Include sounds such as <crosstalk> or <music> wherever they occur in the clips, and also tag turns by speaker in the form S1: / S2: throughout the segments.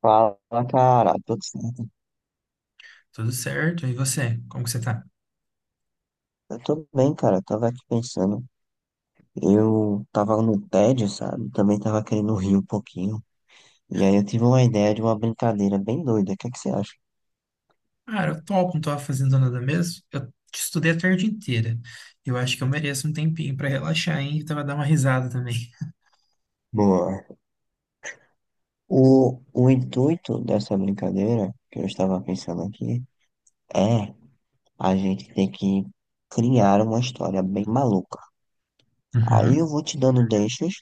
S1: Fala, cara, tudo certo?
S2: Tudo certo? E você? Como que você tá?
S1: Eu tô bem, cara. Eu tava aqui pensando. Eu tava no tédio, sabe? Também tava querendo rir um pouquinho. E aí eu tive uma ideia de uma brincadeira bem doida. O que é que você acha?
S2: Cara, eu topo, não tava fazendo nada mesmo. Eu estudei a tarde inteira. Eu acho que eu mereço um tempinho pra relaxar, hein? E tava dar uma risada também. <laughs>
S1: Boa. O intuito dessa brincadeira, que eu estava pensando aqui, é a gente ter que criar uma história bem maluca. Aí eu
S2: Uhum,
S1: vou te dando deixas,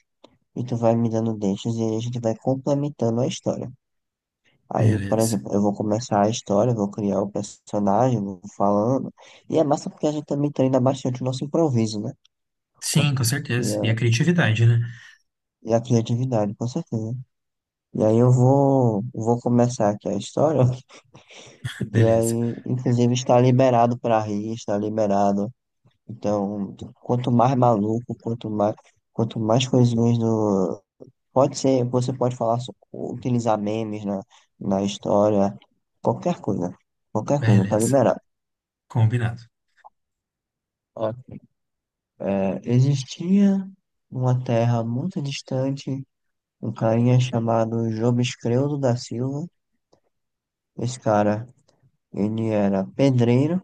S1: e tu vai me dando deixas, e aí a gente vai complementando a história. Aí, por
S2: beleza.
S1: exemplo, eu vou começar a história, vou criar o personagem, vou falando. E é massa porque a gente também treina bastante o nosso improviso, né? Co-
S2: Sim, com
S1: E
S2: certeza. E a
S1: a,
S2: criatividade, né?
S1: e a criatividade, com certeza. E aí eu vou começar aqui a história. <laughs> E
S2: Beleza,
S1: aí, inclusive, está liberado para rir, está liberado. Então, quanto mais maluco, quanto mais coisinhas do. Pode ser, você pode falar, utilizar memes na história, qualquer coisa. Qualquer coisa, tá
S2: beleza.
S1: liberado.
S2: Combinado.
S1: Ó, é, existia numa terra muito distante um carinha chamado Job Escrevdo da Silva. Esse cara, ele era pedreiro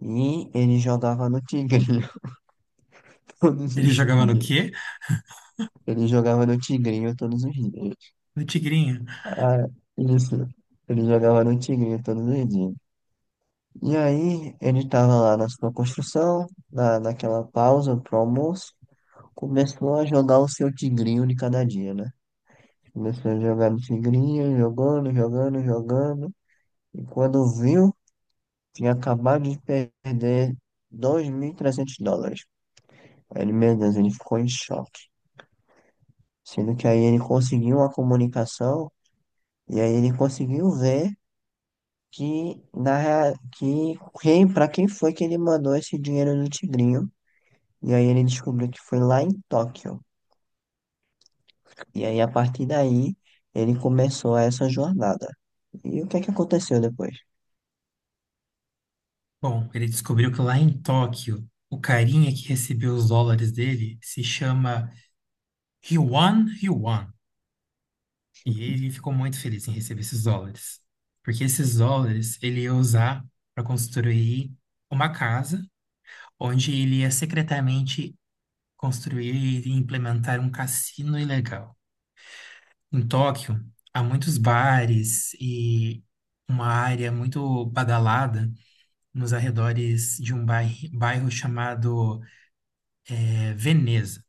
S1: e ele jogava no tigrinho <laughs> todos
S2: Ele
S1: os
S2: jogava no
S1: dias.
S2: quê?
S1: Ele jogava no tigrinho todos os dias.
S2: No Tigrinho.
S1: Ah, isso. Ele jogava no tigrinho todos os dias. E aí, ele estava lá na sua construção, naquela pausa pro almoço, começou a jogar o seu tigrinho de cada dia, né? Começou a jogar tigrinha, jogando, jogando, jogando. E quando viu, tinha acabado de perder US$ 2.300. Aí ele, meu Deus, ele ficou em choque. Sendo que aí ele conseguiu uma comunicação e aí ele conseguiu ver que, na, rea- que quem, para quem foi que ele mandou esse dinheiro do tigrinho. E aí ele descobriu que foi lá em Tóquio. E aí, a partir daí, ele começou essa jornada. E o que é que aconteceu depois?
S2: Bom, ele descobriu que lá em Tóquio, o carinha que recebeu os dólares dele se chama Ryuan Yuan. E ele ficou muito feliz em receber esses dólares, porque esses dólares ele ia usar para construir uma casa onde ele ia secretamente construir e implementar um cassino ilegal. Em Tóquio, há muitos bares e uma área muito badalada nos arredores de um bairro chamado Veneza.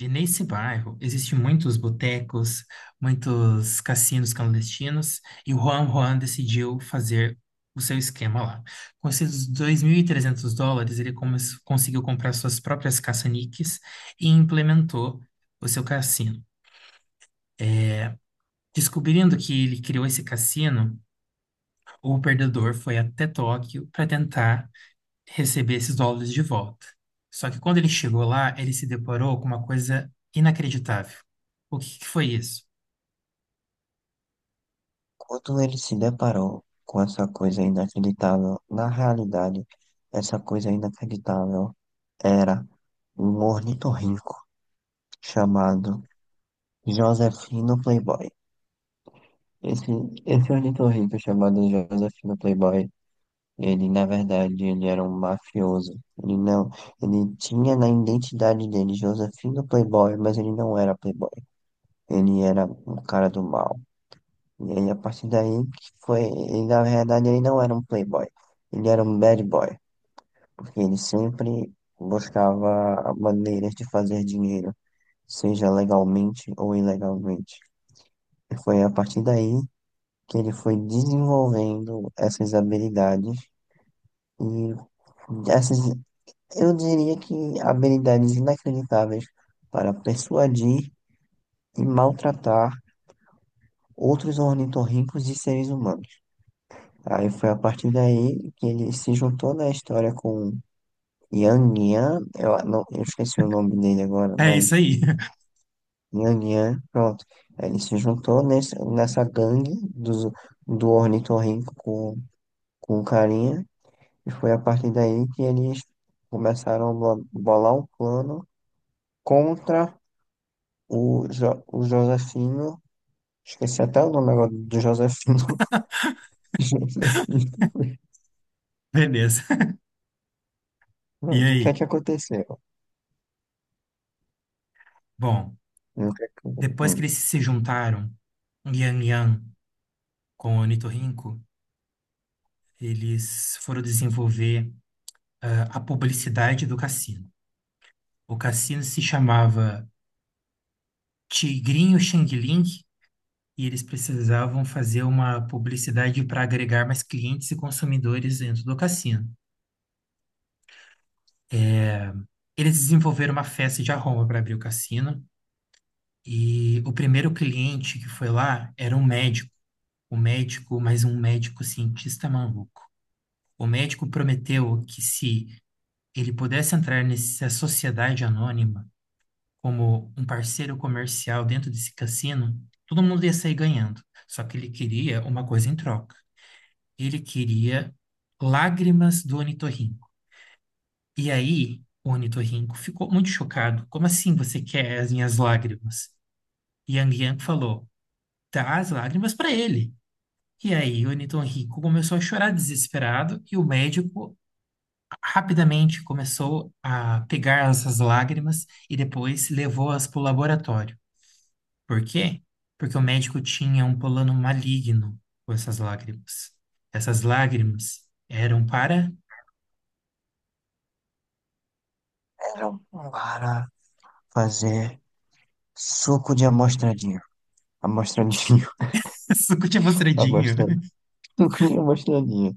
S2: E nesse bairro existem muitos botecos, muitos cassinos clandestinos, e o Juan Juan decidiu fazer o seu esquema lá. Com esses US$ 2.300, conseguiu comprar suas próprias caça-níqueis e implementou o seu cassino. Descobrindo que ele criou esse cassino, o perdedor foi até Tóquio para tentar receber esses dólares de volta. Só que quando ele chegou lá, ele se deparou com uma coisa inacreditável. O que que foi isso?
S1: Quando ele se deparou com essa coisa inacreditável, na realidade, essa coisa inacreditável era um ornitorrinco chamado Josefino Playboy. Esse, esse ornitorrinco chamado Josefino Playboy, ele na verdade ele era um mafioso. Ele não, ele tinha na identidade dele Josefino Playboy, mas ele não era Playboy. Ele era um cara do mal. E aí, a partir daí, que foi. E na verdade, ele não era um playboy. Ele era um bad boy. Porque ele sempre buscava maneiras de fazer dinheiro, seja legalmente ou ilegalmente. E foi a partir daí que ele foi desenvolvendo essas habilidades. E essas, eu diria que habilidades inacreditáveis para persuadir e maltratar outros ornitorrincos e seres humanos. Aí foi a partir daí que ele se juntou na história com Yang Yan, eu, não, eu esqueci o nome dele agora,
S2: É isso
S1: mas
S2: aí. <laughs>
S1: Yang Yan, pronto. Aí ele se juntou nessa gangue do ornitorrinco com o carinha, e foi a partir daí que eles começaram a bolar um plano contra o Josefino, esqueci até o nome agora do Josefino. <laughs> Josefino.
S2: Beleza. E
S1: Pronto, o que é
S2: aí?
S1: que aconteceu?
S2: Bom,
S1: O que é
S2: depois que eles
S1: que-
S2: se juntaram, Yang Yang com o Onitorrinco, eles foram desenvolver a publicidade do cassino. O cassino se chamava Tigrinho Xing Ling e eles precisavam fazer uma publicidade para agregar mais clientes e consumidores dentro do cassino. Eles desenvolveram uma festa de arromba para abrir o cassino e o primeiro cliente que foi lá era um médico, mas um médico cientista maluco. O médico prometeu que se ele pudesse entrar nessa sociedade anônima como um parceiro comercial dentro desse cassino, todo mundo ia sair ganhando. Só que ele queria uma coisa em troca. Ele queria lágrimas do ornitorrinco. E aí, o ornitorrinco ficou muito chocado. Como assim você quer as minhas lágrimas? E Yang Yang falou: dá as lágrimas para ele. E aí, o ornitorrinco começou a chorar desesperado e o médico rapidamente começou a pegar essas lágrimas e depois levou-as para o laboratório. Por quê? Porque o médico tinha um plano maligno com essas lágrimas. Essas lágrimas eram para
S1: Cara, para fazer suco de amostradinho. Amostradinho,
S2: <laughs> suco de
S1: <laughs>
S2: mostradinha.
S1: amostradinho. Suco de amostradinho.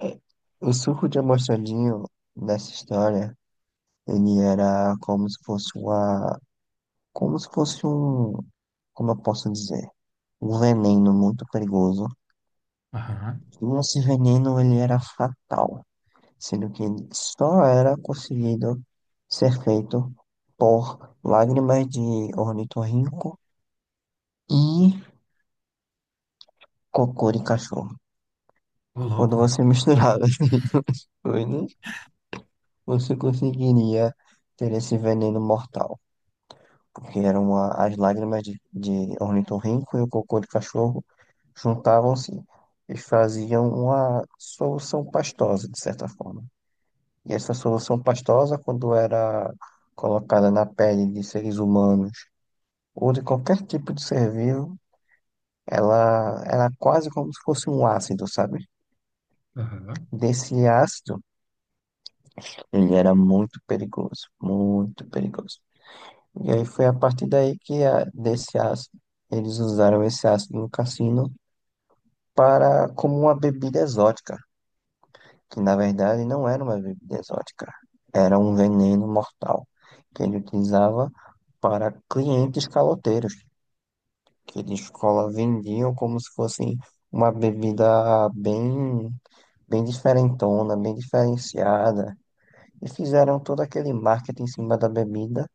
S1: É, o suco de amostradinho nessa história, ele era como se fosse uma. Como se fosse um. Como eu posso dizer? Um veneno muito perigoso.
S2: Aham,
S1: E esse veneno, ele era fatal. Sendo que ele só era conseguido ser feito por lágrimas de ornitorrinco e cocô de cachorro.
S2: ô
S1: Quando
S2: louco.
S1: você misturava, <laughs> as duas coisas, você conseguiria ter esse veneno mortal. Porque eram as lágrimas de ornitorrinco e o cocô de cachorro juntavam-se e faziam uma solução pastosa, de certa forma. E essa solução pastosa, quando era colocada na pele de seres humanos ou de qualquer tipo de ser vivo, ela era quase como se fosse um ácido, sabe?
S2: Aham.
S1: Desse ácido ele era muito perigoso, muito perigoso. E aí foi a partir daí que desse ácido, eles usaram esse ácido no cassino para como uma bebida exótica, que na verdade não era uma bebida exótica, era um veneno mortal que ele utilizava para clientes caloteiros, que de escola vendiam como se fosse uma bebida bem, bem diferentona, bem diferenciada, e fizeram todo aquele marketing em cima da bebida.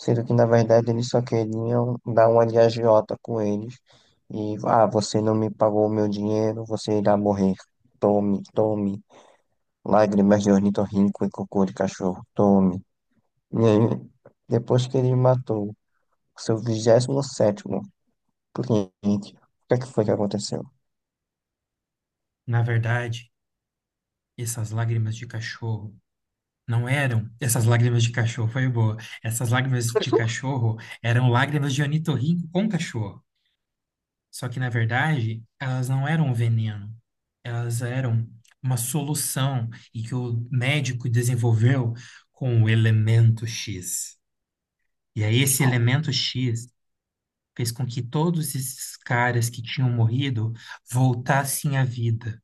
S1: Sendo que, na verdade, eles só queriam dar uma de agiota com eles. E, ah, você não me pagou o meu dinheiro, você irá morrer. Tome, tome. Lágrimas de ornitorrinco e cocô de cachorro. Tome. E aí, depois que ele matou seu 27º cliente, o que é que foi que aconteceu?
S2: Na verdade, essas lágrimas de cachorro não eram essas lágrimas de cachorro, foi boa. Essas lágrimas de cachorro eram lágrimas de ornitorrinco com cachorro. Só que, na verdade, elas não eram um veneno, elas eram uma solução e que o médico desenvolveu com o elemento X. E aí, esse elemento X fez com que todos esses caras que tinham morrido voltassem à vida.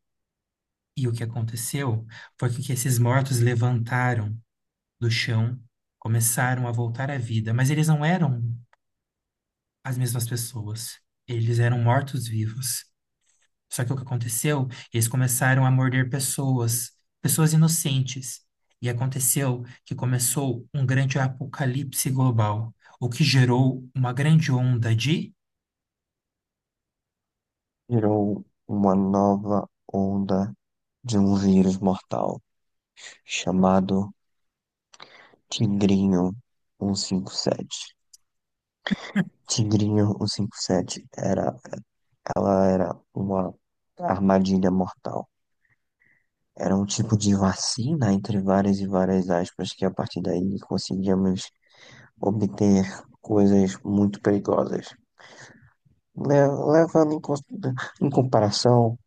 S2: E o que aconteceu foi que esses mortos levantaram do chão, começaram a voltar à vida, mas eles não eram as mesmas pessoas. Eles eram mortos-vivos. Só que o que aconteceu? Eles começaram a morder pessoas, pessoas inocentes. E aconteceu que começou um grande apocalipse global, o que gerou uma grande onda de.
S1: Virou uma nova onda de um vírus mortal chamado Tigrinho 157. Tigrinho cento e cinquenta e sete era. Ela era uma armadilha mortal. Era um tipo de vacina, entre várias e várias aspas, que a partir daí conseguíamos obter coisas muito perigosas. Le- Levando em, em comparação,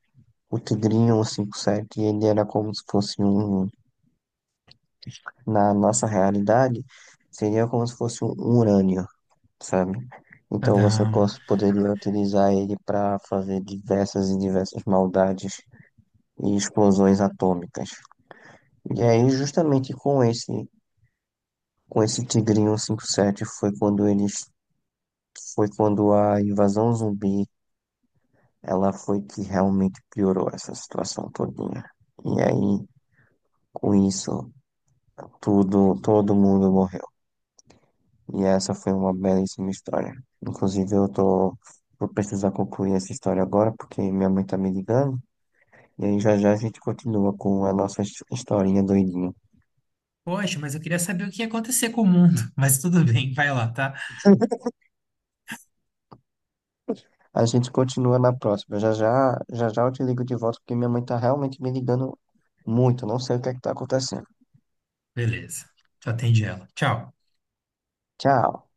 S1: o Tigrinho 57 ele era como se fosse um, na nossa realidade, seria como se fosse um urânio, sabe? Então você
S2: Tadam.
S1: poderia utilizar ele para fazer diversas e diversas maldades e explosões atômicas. E aí, justamente com esse Tigrinho 57, foi quando eles, foi quando a invasão zumbi, ela foi que realmente piorou essa situação todinha. E aí, com isso, tudo, todo mundo morreu. E essa foi uma belíssima história. Inclusive, eu tô, vou precisar concluir essa história agora, porque minha mãe tá me ligando. E aí, já já a gente continua com a nossa historinha doidinha.
S2: Poxa, mas eu queria saber o que ia acontecer com o mundo. <laughs> Mas tudo bem, vai lá, tá?
S1: <laughs> A gente continua na próxima. Já já, já já eu te ligo de volta porque minha mãe tá realmente me ligando muito. Não sei o que é que tá acontecendo.
S2: Beleza. Tu Atende ela. Tchau.
S1: Tchau.